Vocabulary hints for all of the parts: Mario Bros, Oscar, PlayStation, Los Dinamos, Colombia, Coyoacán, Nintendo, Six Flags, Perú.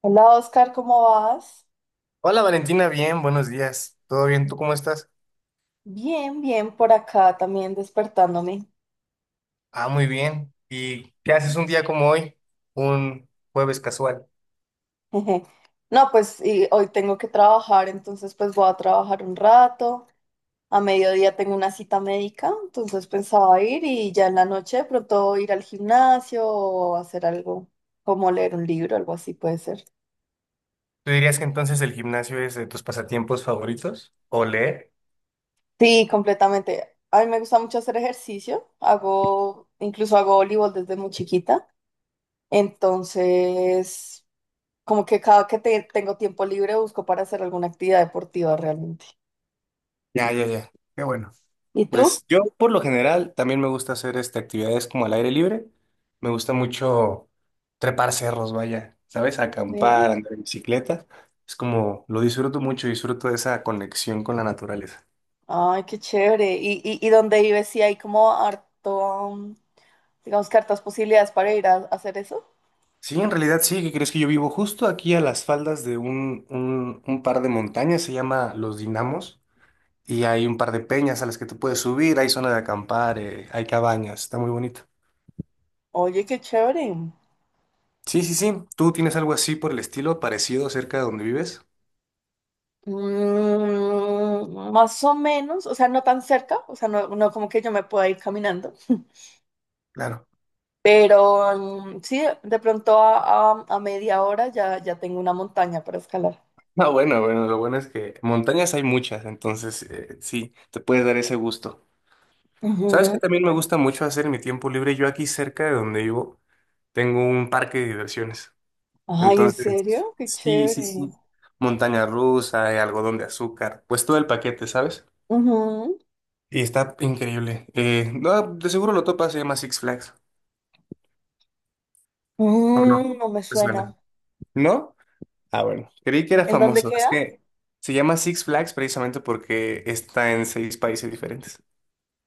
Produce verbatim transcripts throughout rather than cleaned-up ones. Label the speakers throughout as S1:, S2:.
S1: Hola Oscar, ¿cómo vas?
S2: Hola Valentina, bien, buenos días. ¿Todo bien? ¿Tú cómo estás?
S1: Bien, bien, por acá también despertándome.
S2: Ah, muy bien. ¿Y qué haces un día como hoy? Un jueves casual.
S1: No, pues y hoy tengo que trabajar, entonces pues voy a trabajar un rato. A mediodía tengo una cita médica, entonces pensaba ir y ya en la noche de pronto ir al gimnasio o hacer algo como leer un libro, algo así puede ser.
S2: ¿Tú dirías que entonces el gimnasio es de tus pasatiempos favoritos? ¿O leer?
S1: Sí, completamente. A mí me gusta mucho hacer ejercicio. Hago, incluso hago voleibol desde muy chiquita. Entonces, como que cada que te- tengo tiempo libre busco para hacer alguna actividad deportiva realmente.
S2: Ya, ya, ya. Qué bueno.
S1: ¿Y tú?
S2: Pues yo por lo general también me gusta hacer este, actividades como al aire libre. Me gusta mucho trepar cerros, vaya, ¿sabes?
S1: ¿Eh?
S2: Acampar, andar en bicicleta. Es como, lo disfruto mucho, disfruto de esa conexión con la naturaleza.
S1: Ay, qué chévere. ¿Y, y, y dónde vives? ¿Sí hay como harto, mm, digamos que hartas posibilidades para ir a, a hacer eso?
S2: Sí, en realidad sí, ¿qué crees? Que yo vivo justo aquí a las faldas de un, un, un par de montañas, se llama Los Dinamos, y hay un par de peñas a las que tú puedes subir, hay zona de acampar, eh, hay cabañas, está muy bonito.
S1: Oye, qué chévere.
S2: Sí, sí, sí, ¿tú tienes algo así por el estilo, parecido cerca de donde vives?
S1: Mm, más o menos, o sea, no tan cerca, o sea, no, no como que yo me pueda ir caminando.
S2: Claro.
S1: Pero mm, sí, de pronto a, a- a media hora ya, ya tengo una montaña para escalar.
S2: No, bueno, bueno, lo bueno es que montañas hay muchas, entonces eh, sí, te puedes dar ese gusto. ¿Sabes
S1: Ujú.
S2: qué también me gusta mucho hacer en mi tiempo libre? Yo aquí cerca de donde vivo tengo un parque de diversiones.
S1: Ay, ¿en
S2: Entonces,
S1: serio? Qué
S2: sí, sí,
S1: chévere.
S2: sí. Montaña rusa, eh, algodón de azúcar, pues todo el paquete, ¿sabes?
S1: Ujú.
S2: Y está increíble. Eh, no, de seguro lo topas, se llama Six Flags. No, no,
S1: Mm, no me
S2: te
S1: suena.
S2: suena. ¿No? Ah, bueno. Creí que era
S1: ¿En dónde
S2: famoso. Es
S1: queda?
S2: que se llama Six Flags precisamente porque está en seis países diferentes.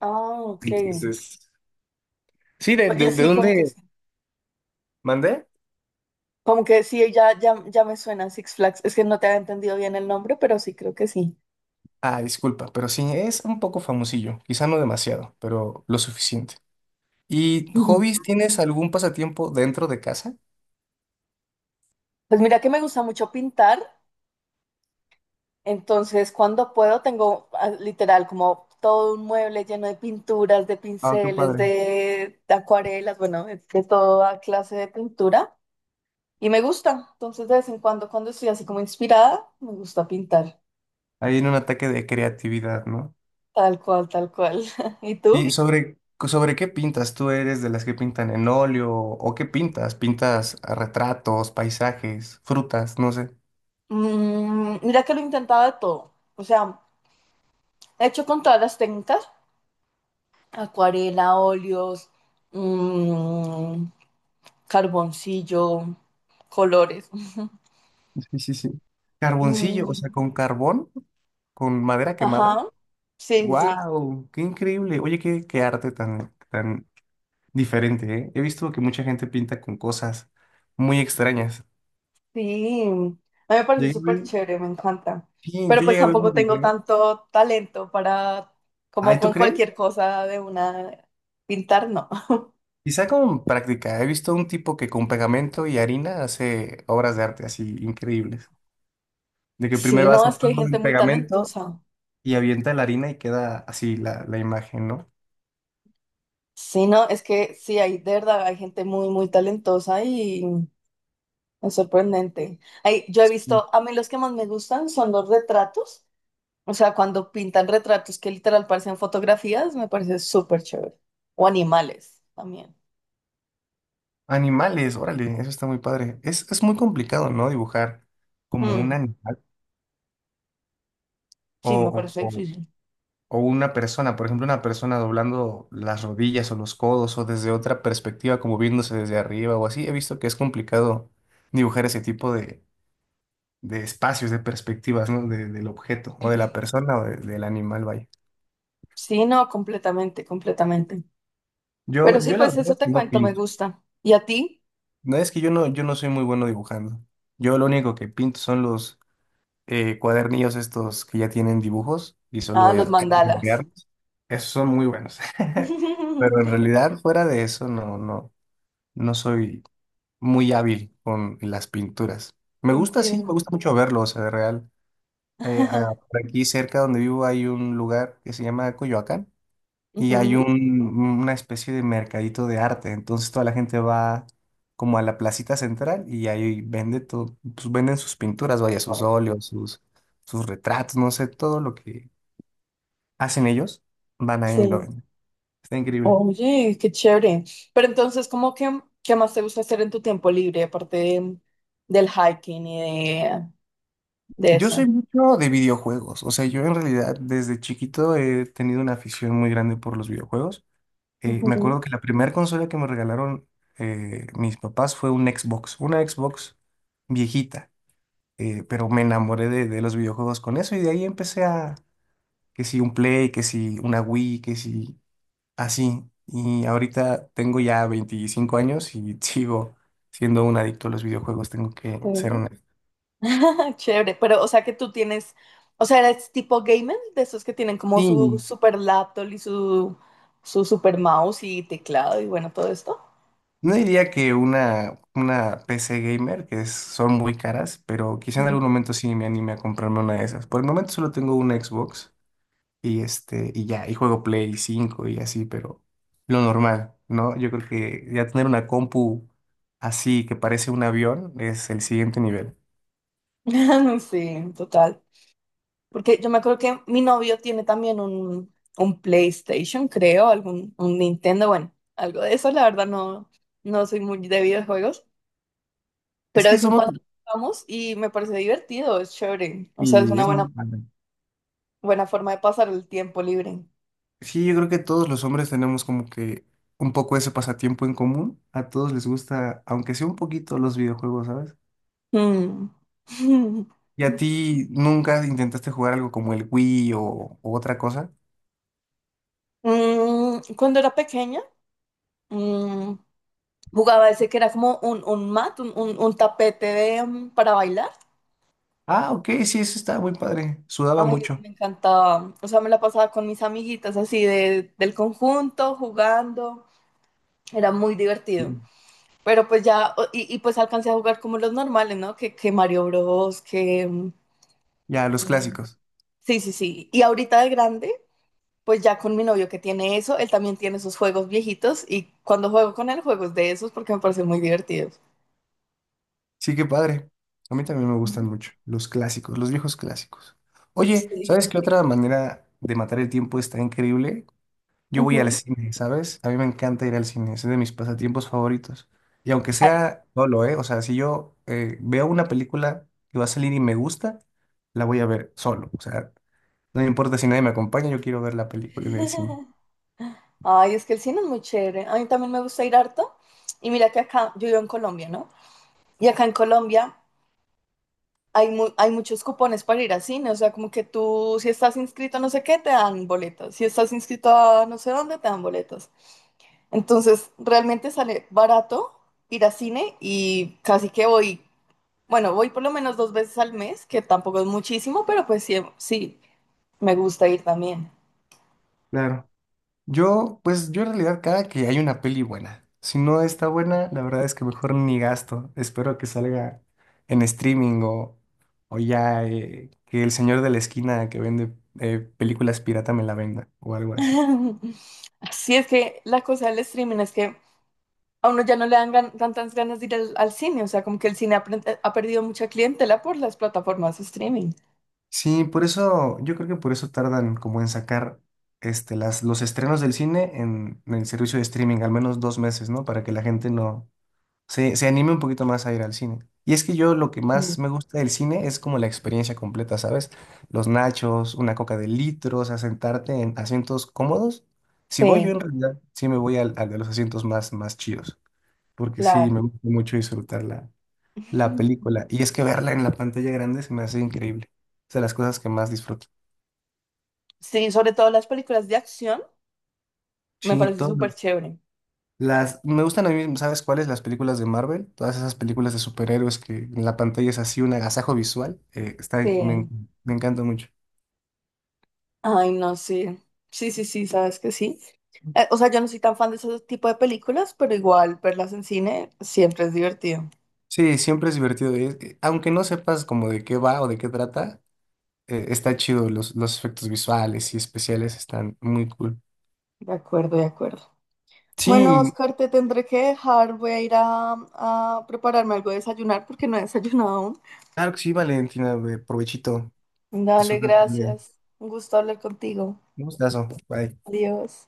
S1: Ah, ok.
S2: Entonces, sí, ¿de
S1: Oye,
S2: de, de,
S1: sí, como que
S2: dónde
S1: sí.
S2: mandé?
S1: Como que sí, ya, ya, ya me suena Six Flags. Es que no te había entendido bien el nombre, pero sí, creo que sí.
S2: Ah, disculpa, pero sí, es un poco famosillo. Quizá no demasiado, pero lo suficiente. ¿Y
S1: Ujú.
S2: hobbies? ¿Tienes algún pasatiempo dentro de casa?
S1: Pues mira que me gusta mucho pintar, entonces cuando puedo tengo ah, literal como todo un mueble lleno de pinturas, de
S2: Ah, qué
S1: pinceles,
S2: padre.
S1: de, de acuarelas, bueno, de, de toda clase de pintura. Y me gusta, entonces de vez en cuando, cuando estoy así como inspirada, me gusta pintar.
S2: Ahí en un ataque de creatividad, ¿no?
S1: Tal cual, tal cual. ¿Y
S2: ¿Y
S1: tú?
S2: sobre, sobre qué pintas? ¿Tú eres de las que pintan en óleo? ¿O qué pintas? ¿Pintas a retratos, paisajes, frutas? No sé.
S1: Mm, mira que lo he intentado de todo. O sea, he hecho con todas las técnicas, acuarela, óleos, mm, carboncillo, colores.
S2: Sí, sí, sí. Carboncillo, o
S1: Mm,
S2: sea, con carbón, con madera quemada.
S1: ajá. Sí, sí, sí.
S2: ¡Wow! ¡Qué increíble! Oye, qué, qué arte tan, tan diferente, ¿eh? He visto que mucha gente pinta con cosas muy extrañas.
S1: Sí, a mí me parece
S2: Llegué a
S1: súper
S2: ver-
S1: chévere, me encanta.
S2: sí,
S1: Pero
S2: yo
S1: pues
S2: llegué a ver
S1: tampoco
S2: un
S1: tengo
S2: video.
S1: tanto talento para, como
S2: ¿Ay, tú
S1: con
S2: crees?
S1: cualquier cosa de una, pintar, no.
S2: Quizá con práctica. He visto un tipo que con pegamento y harina hace obras de arte así increíbles. De que
S1: Sí,
S2: primero
S1: no,
S2: hace
S1: es que hay
S2: todo
S1: gente
S2: el
S1: muy
S2: pegamento
S1: talentosa.
S2: y avienta la harina y queda así la, la imagen, ¿no?
S1: Sí, no, es que sí, hay de verdad, hay gente muy, muy talentosa y es sorprendente. Ay, yo he
S2: Mm.
S1: visto, a mí los que más me gustan son los retratos, o sea, cuando pintan retratos que literal parecen fotografías, me parece súper chévere. O animales también.
S2: Animales, órale, eso está muy padre. Es, es muy complicado, ¿no? Dibujar como un
S1: Mm,
S2: animal
S1: sí, me
S2: o,
S1: parece
S2: o- o-
S1: difícil.
S2: o una persona. Por ejemplo, una persona doblando las rodillas o los codos o desde otra perspectiva, como viéndose desde arriba o así. He visto que es complicado dibujar ese tipo de espacios, de perspectivas, ¿no? De- del objeto o de la persona o de- del animal, vaya.
S1: Sí, no, completamente, completamente. Pero
S2: Yo,
S1: sí,
S2: yo la
S1: pues
S2: verdad
S1: eso
S2: es
S1: te
S2: que no
S1: cuento, me
S2: pinto.
S1: gusta. ¿Y a ti?
S2: No es que yo no, yo no soy muy bueno dibujando. Yo lo único que pinto son los eh, cuadernillos estos que ya tienen dibujos y
S1: Ah,
S2: solo
S1: los
S2: eh, hay que
S1: mandalas.
S2: colorearlos. Esos son muy buenos. Pero en realidad, fuera de eso, no, no, no soy muy hábil con las pinturas. Me gusta, sí, me
S1: Entiendo.
S2: gusta mucho verlo, o sea, de real. Eh, a- por aquí cerca donde vivo hay un lugar que se llama Coyoacán y hay
S1: Ujú.
S2: un, una especie de mercadito de arte. Entonces toda la gente va como a la placita central y ahí vende todo, pues venden sus pinturas, vaya, sus óleos, sus, sus retratos, no sé, todo lo que hacen ellos, van ahí y lo
S1: Sí.
S2: venden. Está increíble.
S1: Oye, qué chévere. Pero entonces, ¿cómo que qué más te gusta hacer en tu tiempo libre, aparte de- del hiking y de, de
S2: Yo soy
S1: eso?
S2: mucho de videojuegos, o sea, yo en realidad desde chiquito he tenido una afición muy grande por los videojuegos. Eh, me
S1: Ujú,
S2: acuerdo que la primera consola que me regalaron eh, mis papás fue un Xbox, una Xbox viejita. eh, pero me enamoré de, de los videojuegos con eso y de ahí empecé a, que si un Play, que si una Wii, que si así. Y ahorita tengo ya veinticinco años y sigo siendo un adicto a los videojuegos, tengo que ser
S1: ok.
S2: honesto.
S1: Chévere, pero o sea que tú tienes, o sea, eres tipo gamer, de esos que tienen como
S2: Sí,
S1: su super laptop y su, su super mouse y teclado y bueno, todo esto.
S2: no diría que una, una P C gamer, que es- son muy caras, pero quizá en
S1: Mm.
S2: algún momento sí me anime a comprarme una de esas. Por el momento solo tengo una Xbox. Y este, y ya, y juego Play cinco y así, pero lo normal, ¿no? Yo creo que ya tener una compu así que parece un avión es el siguiente nivel.
S1: Sí, total. Porque yo me acuerdo que mi novio tiene también un, un PlayStation, creo, algún un Nintendo, bueno, algo de eso. La verdad no, no soy muy de videojuegos,
S2: Es
S1: pero de
S2: que
S1: vez en
S2: somos,
S1: cuando jugamos y me parece divertido, es chévere. O sea, es
S2: y
S1: una
S2: es
S1: buena,
S2: muy,
S1: buena forma de pasar el tiempo libre.
S2: sí, yo creo que todos los hombres tenemos como que un poco ese pasatiempo en común. A todos les gusta, aunque sea un poquito, los videojuegos, ¿sabes?
S1: Mm.
S2: ¿Y a ti nunca intentaste jugar algo como el Wii o, o otra cosa?
S1: Mm, cuando era pequeña, mm, jugaba ese que era como un, un mat, un, un- un tapete de, mm, para bailar.
S2: Ah, ok, sí, eso estaba muy padre. Sudaba
S1: Ay,
S2: mucho.
S1: me encantaba. O sea, me la pasaba con mis amiguitas así de, del conjunto, jugando. Era muy divertido.
S2: Sí.
S1: Pero pues ya, o- y, y pues alcancé a jugar como los normales, ¿no? Que, que Mario Bros, que... mm,
S2: Ya, los clásicos.
S1: sí, sí, sí. Y ahorita de grande, pues ya con mi novio que tiene eso, él también tiene esos juegos viejitos y cuando juego con él, juegos de esos porque me parecen muy divertidos.
S2: Sí, qué padre. A mí también me gustan mucho los clásicos, los viejos clásicos.
S1: Ujú.
S2: Oye, ¿sabes
S1: Sí.
S2: qué otra manera de matar el tiempo está increíble? Yo voy al
S1: Ujú.
S2: cine, ¿sabes? A mí me encanta ir al cine, es de mis pasatiempos favoritos. Y aunque
S1: Ah.
S2: sea solo, ¿eh? O sea, si yo eh, veo una película que va a salir y me gusta, la voy a ver solo. O sea, no me importa si nadie me acompaña, yo quiero ver la película en el cine.
S1: Ay, es que el cine es muy chévere. A mí también me gusta ir harto. Y mira que acá, yo vivo en Colombia, ¿no? Y acá en Colombia hay, mu- hay muchos cupones para ir al cine, o sea, como que tú, si estás inscrito a no sé qué, te dan boletos, si estás inscrito a no sé dónde, te dan boletos. Entonces, realmente sale barato ir al cine y casi que voy, bueno, voy por lo menos dos veces al mes, que tampoco es muchísimo, pero pues sí, sí, me gusta ir también.
S2: Claro. Yo, pues yo en realidad cada que hay una peli buena. Si no está buena, la verdad es que mejor ni gasto. Espero que salga en streaming o, o ya, eh, que el señor de la esquina que vende eh, películas pirata me la venda o algo así.
S1: Sí, es que la cosa del streaming es que a uno ya no le dan gan- tantas ganas de ir al, al cine, o sea, como que el cine ha, pre- ha perdido mucha clientela por las plataformas de streaming.
S2: Sí, por eso, yo creo que por eso tardan como en sacar este, las, los estrenos del cine en, en el servicio de streaming, al menos dos meses, ¿no? Para que la gente no, se, se anime un poquito más a ir al cine. Y es que yo lo que
S1: Mm.
S2: más me gusta del cine es como la experiencia completa, ¿sabes? Los nachos, una coca de litros, o sea, sentarte en asientos cómodos. Si voy yo
S1: Sí,
S2: en realidad, sí me voy al, al de los asientos más, más chidos, porque sí me
S1: claro.
S2: gusta mucho disfrutar la, la película. Y es que verla en la pantalla grande se me hace increíble. Es de las cosas que más disfruto.
S1: Sí, sobre todo las películas de acción, me
S2: Sí,
S1: parece
S2: todo.
S1: súper chévere.
S2: Las, me gustan a mí, ¿sabes cuáles? Las películas de Marvel, todas esas películas de superhéroes que en la pantalla es así un agasajo visual, eh, está, me,
S1: Sí.
S2: me encanta mucho.
S1: Ay, no sí. Sí, sí, sí, sabes que sí. Eh, o sea, yo no soy tan fan de ese tipo de películas, pero igual verlas en cine siempre es divertido.
S2: Sí, siempre es divertido, eh, eh, aunque no sepas como de qué va o de qué trata, eh, está chido, los, los efectos visuales y especiales están muy cool.
S1: De acuerdo, de acuerdo. Bueno,
S2: Sí,
S1: Oscar, te tendré que dejar. Voy a ir a, a prepararme algo de desayunar porque no he desayunado aún.
S2: claro que sí, Valentina, eh, provechito,
S1: Dale,
S2: disfruta tu día.
S1: gracias. Un gusto hablar contigo.
S2: Un gustazo, bye.
S1: Adiós.